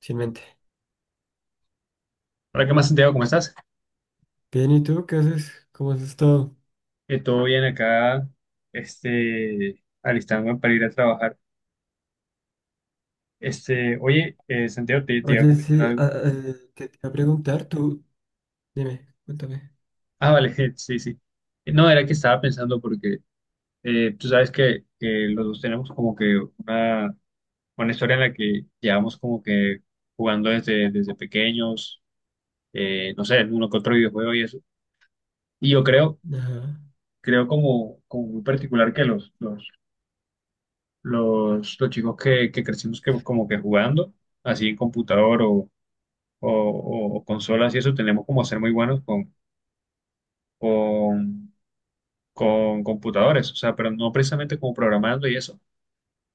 Sin mente. Hola, ¿qué más, Santiago? ¿Cómo estás? Bien, ¿y tú qué haces? ¿Cómo has estado? Todo bien acá, alistándome para ir a trabajar. Este, oye, Santiago, te iba a Oye, comentar sí, algo. ah, te iba a preguntar, tú, dime, cuéntame. Ah, vale, sí, sí. No, era que estaba pensando porque tú sabes que los dos tenemos como que una historia en la que llevamos como que jugando desde pequeños, no sé, uno que otro videojuego y eso. Y yo creo, Ajá. creo como, como muy particular que los chicos que crecimos que, como que jugando, así en computador o, o consolas y eso, tenemos como ser muy buenos con, con computadores, o sea, pero no precisamente como programando y eso,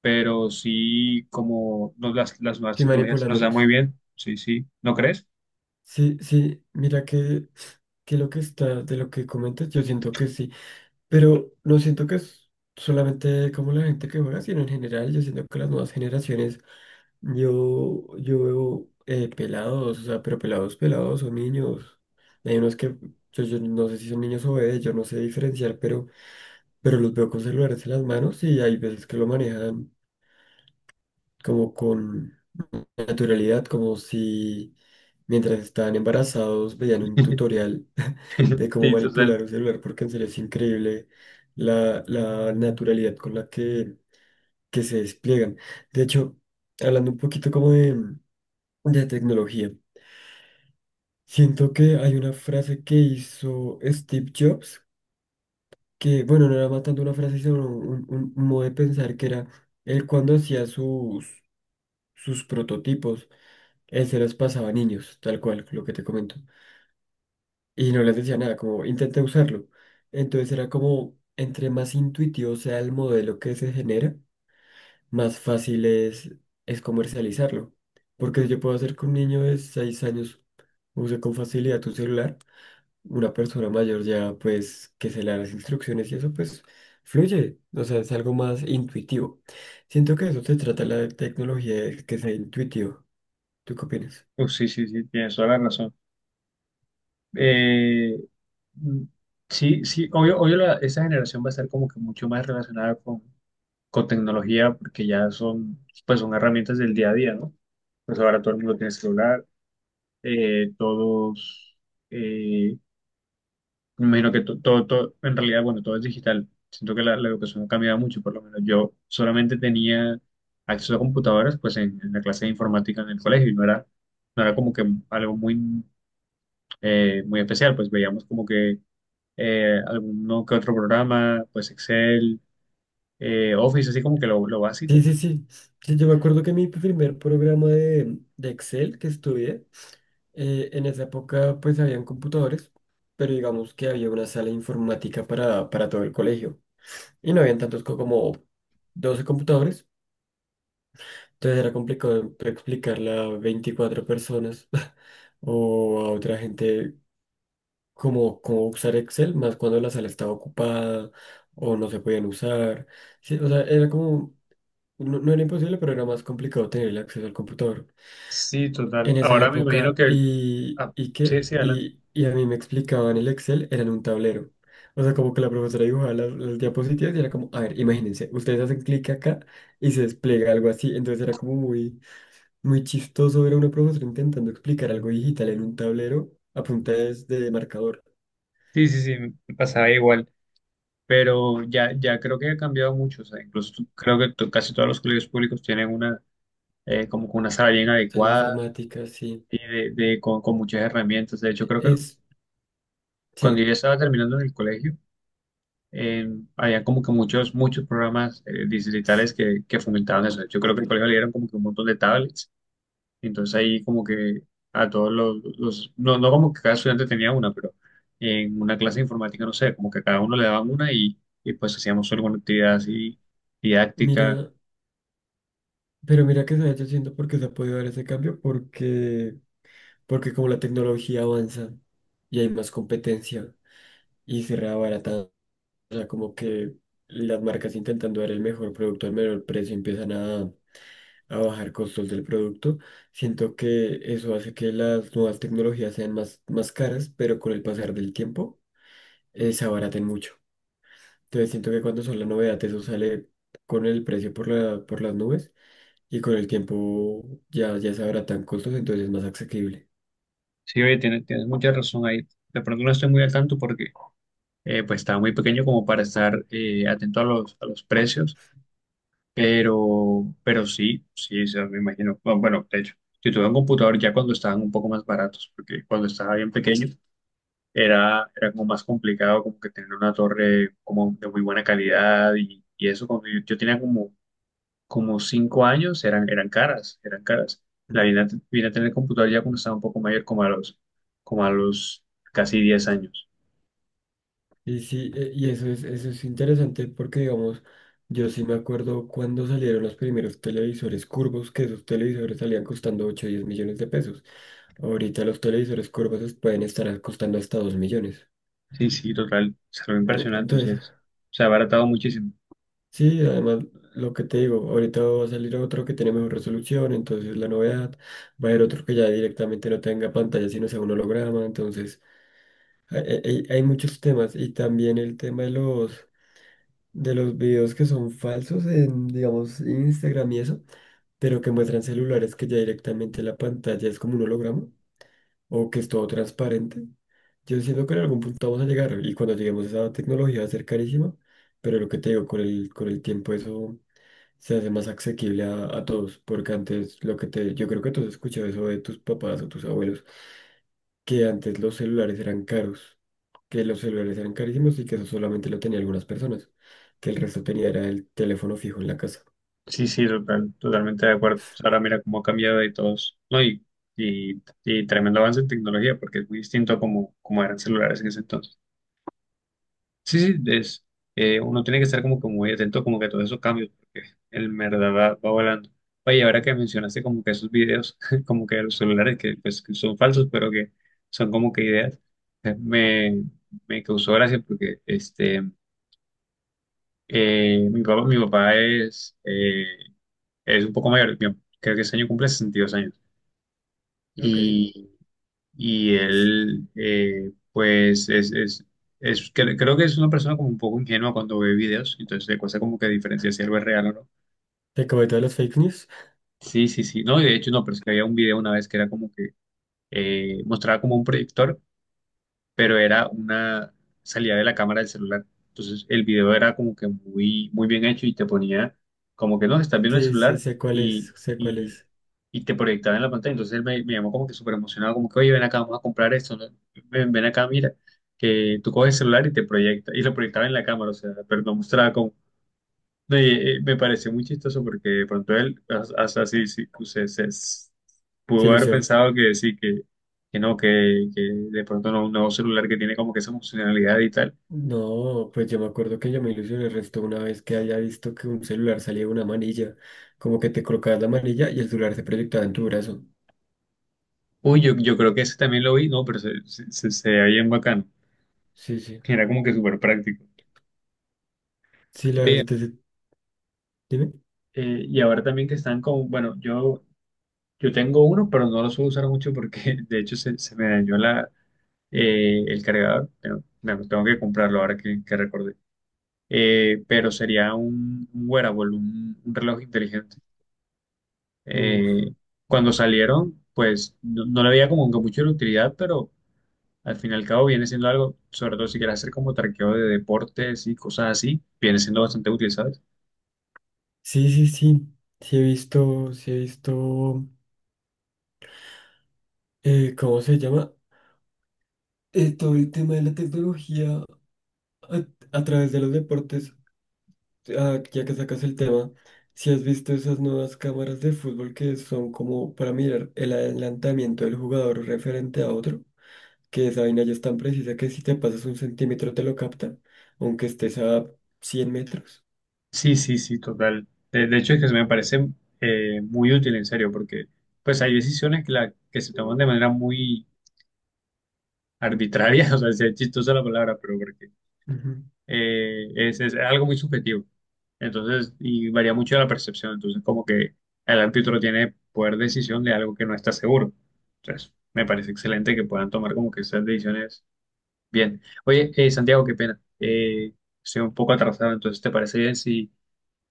pero sí como nos, las nuevas Sí, tecnologías nos dan muy manipulándolos. bien, sí, sí, ¿no crees? Sí, sí, mira que lo que está, de lo que comentas, yo siento que sí, pero no siento que es solamente como la gente que juega, sino en general, yo siento que las nuevas generaciones, yo veo pelados, o sea, pero pelados, pelados son niños. Hay unos que, yo no sé si son niños o bebés, yo no sé diferenciar, pero los veo con celulares en las manos y hay veces que lo manejan como con naturalidad, como si mientras estaban embarazados veían un tutorial de cómo Sí, total. manipular un celular, porque en serio es increíble la, la naturalidad con la que se despliegan. De hecho, hablando un poquito como de tecnología, siento que hay una frase que hizo Steve Jobs que, bueno, no era matando una frase, sino un, un modo de pensar que era, él cuando hacía sus, sus prototipos, él se los pasaba a niños, tal cual, lo que te comento, y no les decía nada, como intenta usarlo. Entonces era como, entre más intuitivo sea el modelo que se genera, más fácil es comercializarlo. Porque si yo puedo hacer que un niño de 6 años use con facilidad un celular, una persona mayor ya, pues, que se le da las instrucciones y eso, pues, fluye. O sea, es algo más intuitivo. Siento que eso se trata la tecnología, de que sea intuitivo. ¿Tú qué opinas? Pues sí, sí, sí, tienes toda la razón. Eh, mm, sí, sí, obvio, obvio la- esa generación va a estar como que mucho más relacionada con tecnología, porque ya son, pues son herramientas del día a día, ¿no? Pues ahora todo el mundo tiene celular, todos, eh, me imagino que to- todo, todo, en realidad, bueno, todo es digital. Siento que la educación ha cambiado mucho, por lo menos yo solamente tenía acceso a computadoras, pues en la clase de informática en el colegio, y no era, no era como que algo muy, muy especial, pues veíamos como que alguno que otro programa, pues Excel, Office, así como que lo Sí, básico. sí, sí. Sí, yo me acuerdo que mi primer programa de Excel que estudié, en esa época, pues, habían computadores, pero digamos que había una sala informática para todo el colegio. Y no habían tantos como 12 computadores. Entonces era complicado explicarle a 24 personas o a otra gente cómo, cómo usar Excel, más cuando la sala estaba ocupada o no se podían usar. Sí, o sea, era como, no, no era imposible, pero era más complicado tener el acceso al computador Sí, total. en esa Ahora me imagino que época. el- ah, Y sí, que, sí, adelante. Y a mí me explicaban el Excel, era en un tablero. O sea, como que la profesora dibujaba las diapositivas y era como, a ver, imagínense, ustedes hacen clic acá y se despliega algo así. Entonces era como muy muy chistoso ver a una profesora intentando explicar algo digital en un tablero a punta de marcador. O Sí, sí, sí, me pasaba igual, pero ya, ya creo que ha cambiado mucho. O sea, incluso tú- creo que to- casi todos los colegios públicos tienen una, como que una sala bien sea, la adecuada informática, sí. y de- con muchas herramientas. De hecho, E- creo que Es, cuando sí, yo estaba terminando en el colegio, en- había como que muchos, muchos programas distritales que fomentaban eso. Yo creo que el colegio le dieron como que un montón de tablets. Entonces ahí como que a todos los- no, no como que cada estudiante tenía una, pero en una clase de informática, no sé, como que cada uno le daban una y pues hacíamos alguna actividad así didáctica. mira, pero mira que se ha hecho haciendo porque se ha podido dar ese cambio, porque, porque como la tecnología avanza y hay más competencia y se reabarata. O sea, como que las marcas intentando dar el mejor producto al menor precio empiezan a bajar costos del producto. Siento que eso hace que las nuevas tecnologías sean más, más caras, pero con el pasar del tiempo se abaraten mucho. Entonces siento que cuando son la novedad, eso sale con el precio por la, por las nubes y con el tiempo ya, ya se abaratan costos, entonces es más asequible. Sí, oye, tienes, tienes mucha razón ahí. De pronto no estoy muy al tanto porque pues estaba muy pequeño como para estar atento a los precios, pero sí, sí, o sea, me imagino. Bueno, bueno, de hecho, yo tuve un computador ya cuando estaban un poco más baratos, porque cuando estaba bien pequeño era, era como más complicado como que tener una torre como de muy buena calidad y eso cuando yo tenía como, como 5 años eran, eran caras, eran caras. La vine a, te- vine a tener computador ya cuando estaba un poco mayor, como a los casi 10 años. Y sí, y eso es interesante porque, digamos, yo sí me acuerdo cuando salieron los primeros televisores curvos, que esos televisores salían costando 8 o 10 millones de pesos. Ahorita los televisores curvos pueden estar costando hasta 2 millones. Sí, sí, total, se lo Eh, impresionante, o sea, Entonces, se se ha abaratado muchísimo. sí, además, lo que te digo, ahorita va a salir otro que tiene mejor resolución, entonces la novedad, va a haber otro que ya directamente no tenga pantalla, sino sea un holograma, entonces hay, hay muchos temas y también el tema de los, de los videos que son falsos en, digamos, Instagram y eso, pero que muestran celulares que ya directamente la pantalla es como un holograma o que es todo transparente. Yo siento que en algún punto vamos a llegar y cuando lleguemos a esa tecnología va a ser carísima, pero lo que te digo, con el tiempo eso se hace más asequible a todos, porque antes lo que te, yo creo que tú has escuchado eso de tus papás o tus abuelos, que antes los celulares eran caros, que los celulares eran carísimos y que eso solamente lo tenía algunas personas, que el resto tenía era el teléfono fijo en la casa. Sí, sí, total, totalmente de acuerdo. O sea, ahora mira cómo ha cambiado y todos, ¿no? Y tremendo avance en tecnología, porque es muy distinto a como, como eran celulares en ese entonces. Sí, sí, es, uno tiene que estar como que muy atento como que a todos esos cambios, porque el verdad va, va volando. Oye, ahora que mencionaste como que esos videos, como que de los celulares que, pues, que son falsos, pero que son como que ideas, me, me causó gracia porque mi papá es un poco mayor, yo creo que ese año cumple 62 años. Ok. Y y él, pues, es- cre- creo que es una persona como un poco ingenua cuando ve videos, entonces le cuesta como que diferenciar si algo es real o no. ¿Te comento de las fake news? Sí, sí, sí, no, y de hecho no, pero es que había un video una vez que era como que mostraba como un proyector pero era una salida de la cámara del celular. Entonces el video era como que muy, muy bien hecho y te ponía como que no, estás viendo el Sí, sí, celular sé cuál y, es, sé cuál y, es. y te proyectaba en la pantalla. Entonces él me, me llamó como que súper emocionado, como que, oye, ven acá, vamos a comprar esto, ¿no? Ven, ven acá, mira, que tú coges el celular y te proyecta, y lo proyectaba en la cámara, o sea, pero no mostraba como no, y, me pareció muy chistoso porque de pronto él, hasta sí, sí, se- s- Se pudo haber ilusionó. pensado que sí, que no, que de pronto no, un nuevo celular que tiene como que esa funcionalidad y tal. No, pues yo me acuerdo que yo me ilusioné el resto una vez que haya visto que un celular salía de una manilla, como que te colocabas la manilla y el celular se proyectaba en tu brazo. Uy, yo creo que ese también lo vi, no, pero se veía bien bacano. Sí, sí. Era como que súper práctico. Sí, la Oye, verdad, dime. Y ahora también que están con, bueno, yo tengo uno, pero no lo suelo usar mucho porque de hecho se, se me dañó la, el cargador. Pero, bueno, tengo que comprarlo ahora que recordé. Pero sería un wearable, un reloj inteligente. Uf. Eh, Cuando salieron, pues no, no le veía como que mucho de utilidad, pero al fin y al cabo viene siendo algo, sobre todo si quieres hacer como traqueo de deportes y cosas así, viene siendo bastante útil, ¿sabes? Sí, sí, sí. Sí he visto, ¿cómo se llama? Todo el tema de la tecnología. A, a través de los deportes, ah, ya que sacas el tema, si has visto esas nuevas cámaras de fútbol que son como para mirar el adelantamiento del jugador referente a otro, que esa vaina ya es tan precisa que si te pasas un centímetro te lo capta, aunque estés a 100 metros. Sí, sí, sí, total. De hecho, es que se me parece muy útil, en serio, porque pues hay decisiones que, la, que se toman de manera muy arbitraria, o sea, es chistosa la palabra, pero porque Ujú. Es algo muy subjetivo. Entonces, y varía mucho de la percepción. Entonces, como que el árbitro tiene poder de decisión de algo que no está seguro. Entonces, me parece excelente que puedan tomar como que esas decisiones bien. Oye, Santiago, qué pena. Estoy un poco atrasado, entonces, ¿te parece bien si,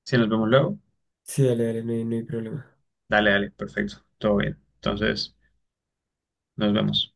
si nos vemos luego? Sí, dale, dale, no hay, no hay problema. Dale, dale, perfecto, todo bien. Entonces, nos vemos.